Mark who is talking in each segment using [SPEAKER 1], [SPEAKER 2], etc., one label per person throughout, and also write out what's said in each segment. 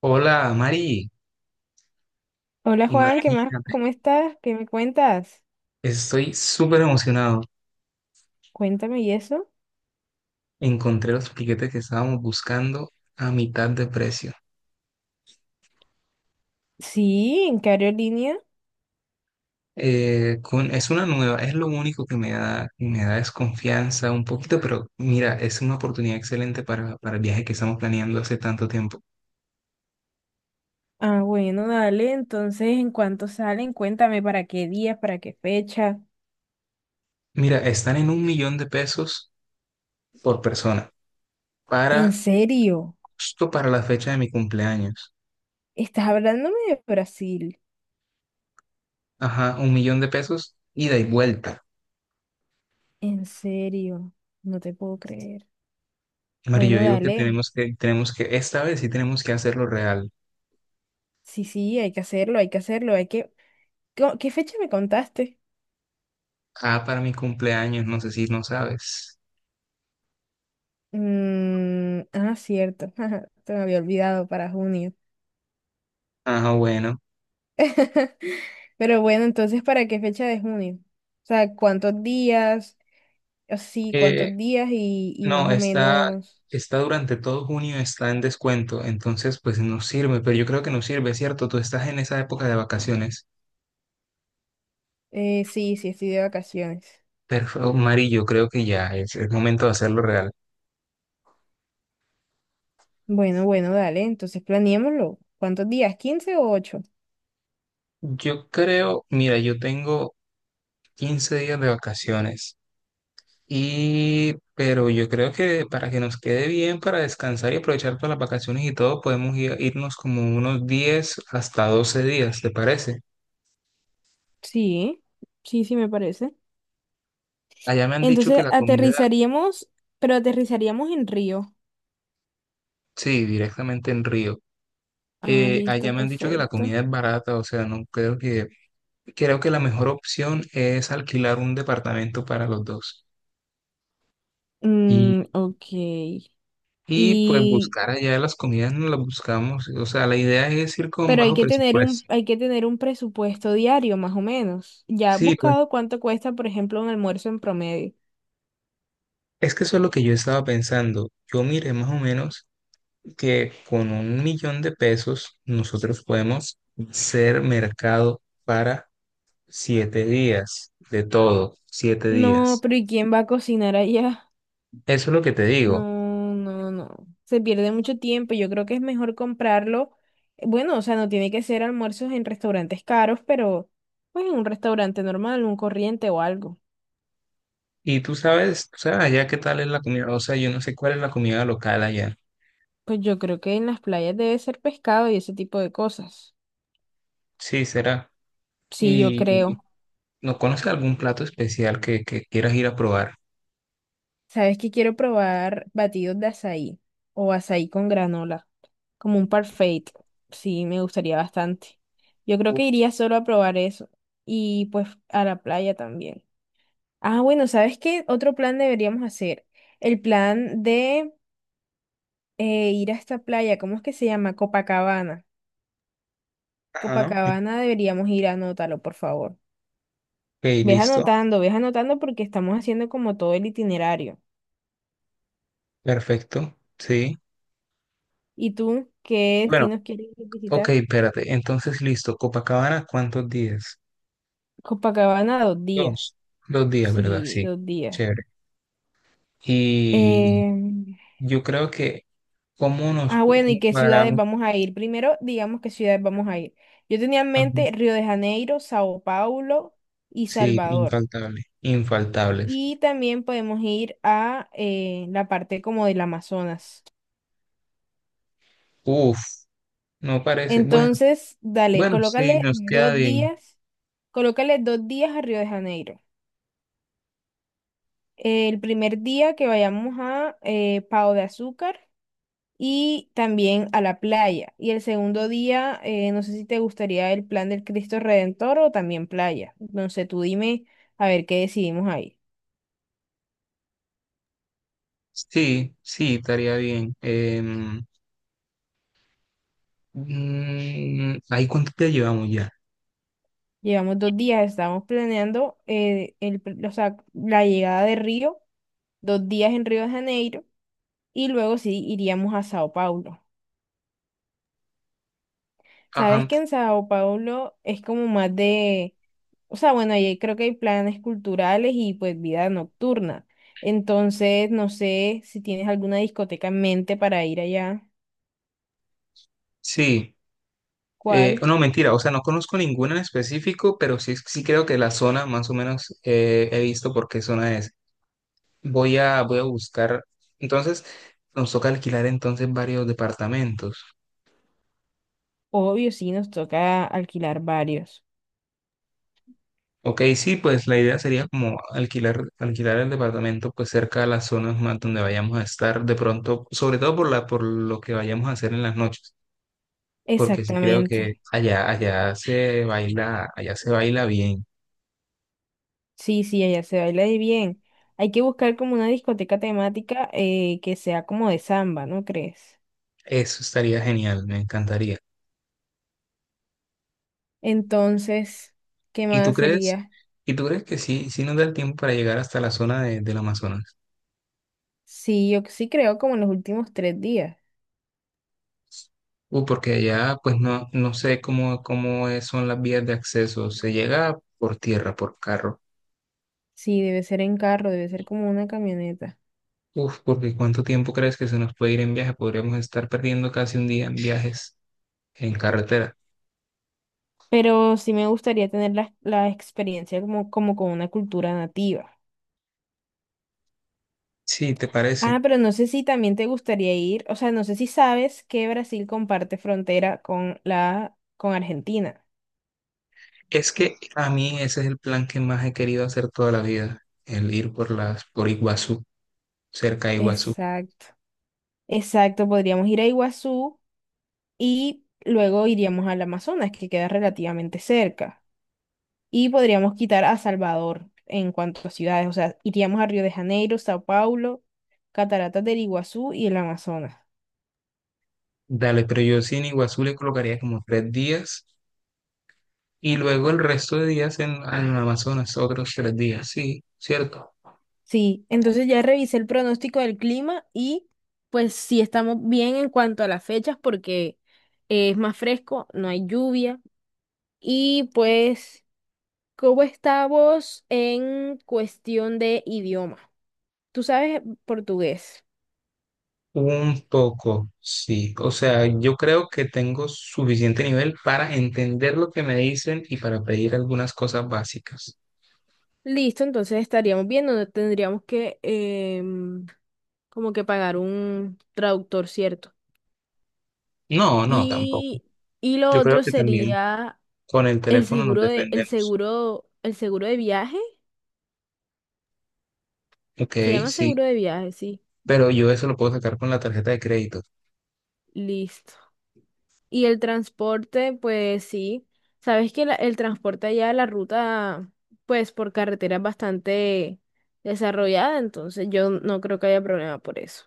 [SPEAKER 1] Hola, Mari.
[SPEAKER 2] Hola Juan, ¿qué más?
[SPEAKER 1] Imagínate,
[SPEAKER 2] ¿Cómo estás? ¿Qué me cuentas?
[SPEAKER 1] estoy súper emocionado.
[SPEAKER 2] Cuéntame y eso.
[SPEAKER 1] Encontré los piquetes que estábamos buscando a mitad de precio.
[SPEAKER 2] Sí, ¿en qué aerolínea?
[SPEAKER 1] Es una nueva, es lo único que me da desconfianza un poquito, pero mira, es una oportunidad excelente para el viaje que estamos planeando hace tanto tiempo.
[SPEAKER 2] Ah, bueno, dale. Entonces, ¿en cuánto salen? Cuéntame para qué días, para qué fecha.
[SPEAKER 1] Mira, están en $1.000.000 por persona,
[SPEAKER 2] ¿En
[SPEAKER 1] para
[SPEAKER 2] serio?
[SPEAKER 1] justo para la fecha de mi cumpleaños.
[SPEAKER 2] ¿Estás hablándome de Brasil?
[SPEAKER 1] Ajá, $1.000.000 ida y vuelta.
[SPEAKER 2] ¿En serio? No te puedo creer.
[SPEAKER 1] Mari, yo
[SPEAKER 2] Bueno,
[SPEAKER 1] digo que
[SPEAKER 2] dale.
[SPEAKER 1] tenemos que, esta vez sí tenemos que hacerlo real.
[SPEAKER 2] Sí, sí, hay que hacerlo, hay que hacerlo, hay que. ¿Qué fecha me contaste?
[SPEAKER 1] Ah, para mi cumpleaños, no sé si no sabes.
[SPEAKER 2] Ah, cierto. Te me había olvidado para junio.
[SPEAKER 1] Ah, bueno.
[SPEAKER 2] Pero bueno, entonces, ¿para qué fecha de junio? O sea, ¿cuántos días? O sí,
[SPEAKER 1] Eh,
[SPEAKER 2] ¿cuántos días? Y más
[SPEAKER 1] no,
[SPEAKER 2] o
[SPEAKER 1] está,
[SPEAKER 2] menos,
[SPEAKER 1] Está durante todo junio, está en descuento, entonces pues nos sirve, pero yo creo que nos sirve, ¿cierto? Tú estás en esa época de vacaciones.
[SPEAKER 2] sí, sí, estoy de vacaciones.
[SPEAKER 1] Perfecto, Mari, yo creo que ya es el momento de hacerlo real.
[SPEAKER 2] Bueno, bueno, dale, entonces planeémoslo. ¿Cuántos días? Quince o 8.
[SPEAKER 1] Yo creo, mira, yo tengo 15 días de vacaciones. Y, pero yo creo que para que nos quede bien, para descansar y aprovechar todas las vacaciones y todo, podemos irnos como unos 10 hasta 12 días, ¿te parece?
[SPEAKER 2] Sí, sí, sí, me parece.
[SPEAKER 1] Allá me han dicho que
[SPEAKER 2] Entonces,
[SPEAKER 1] la comida,
[SPEAKER 2] aterrizaríamos, pero aterrizaríamos en Río.
[SPEAKER 1] sí, directamente en Río.
[SPEAKER 2] Ah, listo,
[SPEAKER 1] Allá me han dicho que la
[SPEAKER 2] perfecto.
[SPEAKER 1] comida es barata, o sea, no creo que, creo que la mejor opción es alquilar un departamento para los dos. Y,
[SPEAKER 2] Mm, ok.
[SPEAKER 1] y pues
[SPEAKER 2] ¿Y
[SPEAKER 1] buscar allá las comidas, no las buscamos, o sea, la idea es ir con
[SPEAKER 2] Pero hay
[SPEAKER 1] bajo
[SPEAKER 2] que tener un,
[SPEAKER 1] presupuesto.
[SPEAKER 2] hay que tener un presupuesto diario, más o menos. Ya has
[SPEAKER 1] Sí, pues,
[SPEAKER 2] buscado cuánto cuesta, por ejemplo, un almuerzo en promedio.
[SPEAKER 1] es que eso es lo que yo estaba pensando. Yo miré más o menos que con $1.000.000 nosotros podemos ser mercado para 7 días, de todo, siete
[SPEAKER 2] No,
[SPEAKER 1] días.
[SPEAKER 2] pero ¿y quién va a cocinar allá?
[SPEAKER 1] Eso es lo que te digo.
[SPEAKER 2] No, no, no. Se pierde mucho tiempo. Yo creo que es mejor comprarlo. Bueno, o sea, no tiene que ser almuerzos en restaurantes caros, pero pues en un restaurante normal, un corriente o algo.
[SPEAKER 1] Y tú sabes, o sea, allá qué tal es la comida, o sea, yo no sé cuál es la comida local allá.
[SPEAKER 2] Pues yo creo que en las playas debe ser pescado y ese tipo de cosas.
[SPEAKER 1] Sí, será.
[SPEAKER 2] Sí, yo
[SPEAKER 1] ¿Y
[SPEAKER 2] creo.
[SPEAKER 1] no conoces algún plato especial que quieras ir a probar?
[SPEAKER 2] Sabes que quiero probar batidos de azaí o azaí con granola, como un parfait. Sí, me gustaría bastante. Yo creo que
[SPEAKER 1] Uf.
[SPEAKER 2] iría solo a probar eso y pues a la playa también. Ah, bueno, ¿sabes qué otro plan deberíamos hacer? El plan de ir a esta playa, ¿cómo es que se llama? Copacabana.
[SPEAKER 1] Ajá,
[SPEAKER 2] Copacabana deberíamos ir, anótalo, por favor.
[SPEAKER 1] ok, listo,
[SPEAKER 2] Ves anotando porque estamos haciendo como todo el itinerario.
[SPEAKER 1] perfecto, sí.
[SPEAKER 2] ¿Y tú qué
[SPEAKER 1] Bueno.
[SPEAKER 2] destinos quieres
[SPEAKER 1] Ok,
[SPEAKER 2] visitar?
[SPEAKER 1] espérate. Entonces, listo. Copacabana, ¿cuántos días?
[SPEAKER 2] Copacabana, 2 días.
[SPEAKER 1] Dos. Dos días, ¿verdad?
[SPEAKER 2] Sí,
[SPEAKER 1] Sí.
[SPEAKER 2] 2 días.
[SPEAKER 1] Chévere. Y
[SPEAKER 2] Em,
[SPEAKER 1] yo creo que, ¿cómo nos
[SPEAKER 2] ah, bueno,
[SPEAKER 1] cómo
[SPEAKER 2] ¿y qué ciudades
[SPEAKER 1] cuadramos?
[SPEAKER 2] vamos a ir? Primero, digamos qué ciudades vamos a ir. Yo tenía en
[SPEAKER 1] Ajá.
[SPEAKER 2] mente Río de Janeiro, Sao Paulo y
[SPEAKER 1] Sí,
[SPEAKER 2] Salvador.
[SPEAKER 1] infaltable. Infaltables.
[SPEAKER 2] Y también podemos ir a la parte como del Amazonas.
[SPEAKER 1] Uf, no parece. Bueno,
[SPEAKER 2] Entonces, dale,
[SPEAKER 1] bueno, sí,
[SPEAKER 2] colócale
[SPEAKER 1] nos queda
[SPEAKER 2] dos
[SPEAKER 1] bien.
[SPEAKER 2] días, colócale 2 días a Río de Janeiro. El primer día que vayamos a Pau de Azúcar. Y también a la playa. Y el segundo día, no sé si te gustaría el plan del Cristo Redentor o también playa. Entonces tú dime a ver qué decidimos ahí.
[SPEAKER 1] Sí, sí, estaría bien. ¿Ahí cuánto te llevamos ya?
[SPEAKER 2] Llevamos 2 días, estamos planeando o sea, la llegada de Río, dos días en Río de Janeiro y luego sí iríamos a Sao Paulo. Sabes
[SPEAKER 1] Ajá.
[SPEAKER 2] que en Sao Paulo es como más de... O sea, bueno, ahí creo que hay planes culturales y pues vida nocturna. Entonces, no sé si tienes alguna discoteca en mente para ir allá.
[SPEAKER 1] Sí.
[SPEAKER 2] ¿Cuál?
[SPEAKER 1] No, mentira, o sea, no conozco ninguna en específico, pero sí, sí creo que la zona más o menos he visto por qué zona es. Voy a buscar, entonces nos toca alquilar varios departamentos.
[SPEAKER 2] Obvio, sí, nos toca alquilar varios.
[SPEAKER 1] Ok, sí, pues la idea sería como alquilar el departamento pues cerca de las zonas más donde vayamos a estar de pronto, sobre todo por lo que vayamos a hacer en las noches, porque sí creo que
[SPEAKER 2] Exactamente.
[SPEAKER 1] allá se baila bien.
[SPEAKER 2] Sí, sí, allá se baila de bien. Hay que buscar como una discoteca temática que sea como de samba, ¿no crees?
[SPEAKER 1] Eso estaría genial, me encantaría.
[SPEAKER 2] Entonces, ¿qué
[SPEAKER 1] ¿Y tú
[SPEAKER 2] más
[SPEAKER 1] crees,
[SPEAKER 2] sería?
[SPEAKER 1] ¿Y tú crees que sí, sí nos da el tiempo para llegar hasta la zona del Amazonas?
[SPEAKER 2] Sí, yo sí creo como en los últimos 3 días.
[SPEAKER 1] Porque allá pues no, no sé cómo son las vías de acceso. ¿Se llega por tierra, por carro?
[SPEAKER 2] Sí, debe ser en carro, debe ser como una camioneta.
[SPEAKER 1] Uf, porque ¿cuánto tiempo crees que se nos puede ir en viaje? Podríamos estar perdiendo casi un día en viajes en carretera.
[SPEAKER 2] Pero sí me gustaría tener la experiencia como con una cultura nativa.
[SPEAKER 1] Sí, ¿te
[SPEAKER 2] Ah,
[SPEAKER 1] parece?
[SPEAKER 2] pero no sé si también te gustaría ir, o sea, no sé si sabes que Brasil comparte frontera con con Argentina.
[SPEAKER 1] Es que a mí ese es el plan que más he querido hacer toda la vida, el ir por Iguazú, cerca de Iguazú.
[SPEAKER 2] Exacto, exacto, podríamos ir a Iguazú y luego iríamos al Amazonas, que queda relativamente cerca. Y podríamos quitar a Salvador en cuanto a ciudades, o sea, iríamos a Río de Janeiro, Sao Paulo, Cataratas del Iguazú y el Amazonas.
[SPEAKER 1] Dale, pero yo sí en Iguazú le colocaría como 3 días. Y luego el resto de días en Amazonas, otros 3 días, sí, ¿cierto?
[SPEAKER 2] Sí, entonces ya revisé el pronóstico del clima y pues sí estamos bien en cuanto a las fechas porque es más fresco, no hay lluvia. Y pues, ¿cómo estamos en cuestión de idioma? Tú sabes portugués.
[SPEAKER 1] Un poco, sí. O sea, yo creo que tengo suficiente nivel para entender lo que me dicen y para pedir algunas cosas básicas.
[SPEAKER 2] Listo, entonces estaríamos bien, no tendríamos que em, como que pagar un traductor, ¿cierto?
[SPEAKER 1] No, no, tampoco.
[SPEAKER 2] Y, y lo
[SPEAKER 1] Yo creo
[SPEAKER 2] otro
[SPEAKER 1] que también
[SPEAKER 2] sería
[SPEAKER 1] con el teléfono nos defendemos.
[SPEAKER 2] el seguro de viaje
[SPEAKER 1] Ok,
[SPEAKER 2] Se llama
[SPEAKER 1] sí,
[SPEAKER 2] seguro de viaje, sí.
[SPEAKER 1] pero yo eso lo puedo sacar con la tarjeta de crédito.
[SPEAKER 2] Listo. Y el transporte, pues sí. Sabes que el transporte allá, la ruta, pues por carretera es bastante desarrollada, entonces yo no creo que haya problema por eso.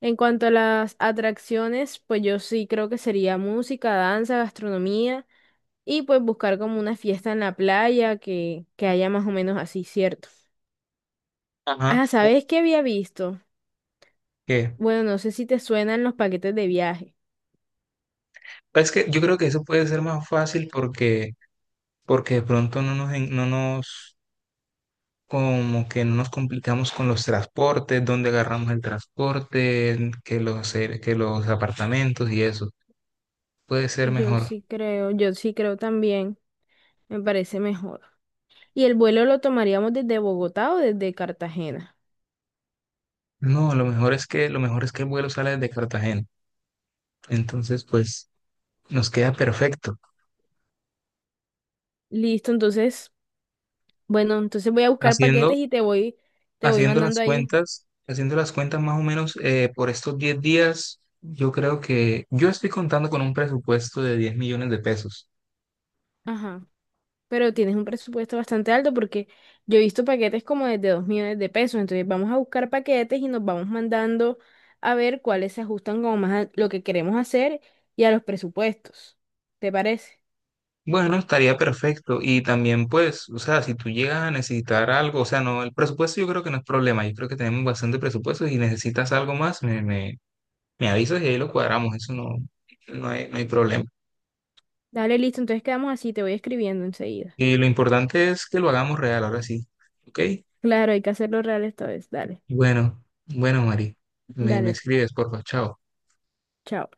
[SPEAKER 2] En cuanto a las atracciones, pues yo sí creo que sería música, danza, gastronomía y pues buscar como una fiesta en la playa que haya más o menos así, ¿cierto?
[SPEAKER 1] Ajá,
[SPEAKER 2] Ah, ¿sabes qué había visto?
[SPEAKER 1] ok.
[SPEAKER 2] Bueno, no sé si te suenan los paquetes de viaje.
[SPEAKER 1] Es que yo creo que eso puede ser más fácil porque, porque de pronto no nos, como que no nos complicamos con los transportes, dónde agarramos el transporte, que que los apartamentos y eso. Puede ser mejor.
[SPEAKER 2] Yo sí creo también, me parece mejor. ¿Y el vuelo lo tomaríamos desde Bogotá o desde Cartagena?
[SPEAKER 1] No, lo mejor es que, Lo mejor es que el vuelo sale desde Cartagena. Entonces, pues, nos queda perfecto.
[SPEAKER 2] Listo, entonces, bueno, entonces voy a buscar paquetes
[SPEAKER 1] Haciendo,
[SPEAKER 2] y te voy
[SPEAKER 1] Haciendo las
[SPEAKER 2] mandando ahí.
[SPEAKER 1] cuentas, haciendo las cuentas más o menos por estos 10 días, yo creo que yo estoy contando con un presupuesto de $10.000.000.
[SPEAKER 2] Ajá. Pero tienes un presupuesto bastante alto porque yo he visto paquetes como desde 2 millones de pesos. Entonces vamos a buscar paquetes y nos vamos mandando a ver cuáles se ajustan como más a lo que queremos hacer y a los presupuestos. ¿Te parece?
[SPEAKER 1] Bueno, estaría perfecto. Y también, pues, o sea, si tú llegas a necesitar algo, o sea, no, el presupuesto yo creo que no es problema. Yo creo que tenemos bastante presupuesto. Si necesitas algo más, me avisas y ahí lo cuadramos. Eso no, No hay, no hay problema.
[SPEAKER 2] Dale, listo, entonces quedamos así, te voy escribiendo enseguida.
[SPEAKER 1] Y lo importante es que lo hagamos real, ahora sí. ¿Ok?
[SPEAKER 2] Claro, hay que hacerlo real esta vez. Dale,
[SPEAKER 1] Bueno, bueno, Mari. Me
[SPEAKER 2] dale,
[SPEAKER 1] escribes, porfa. Chao.
[SPEAKER 2] chao.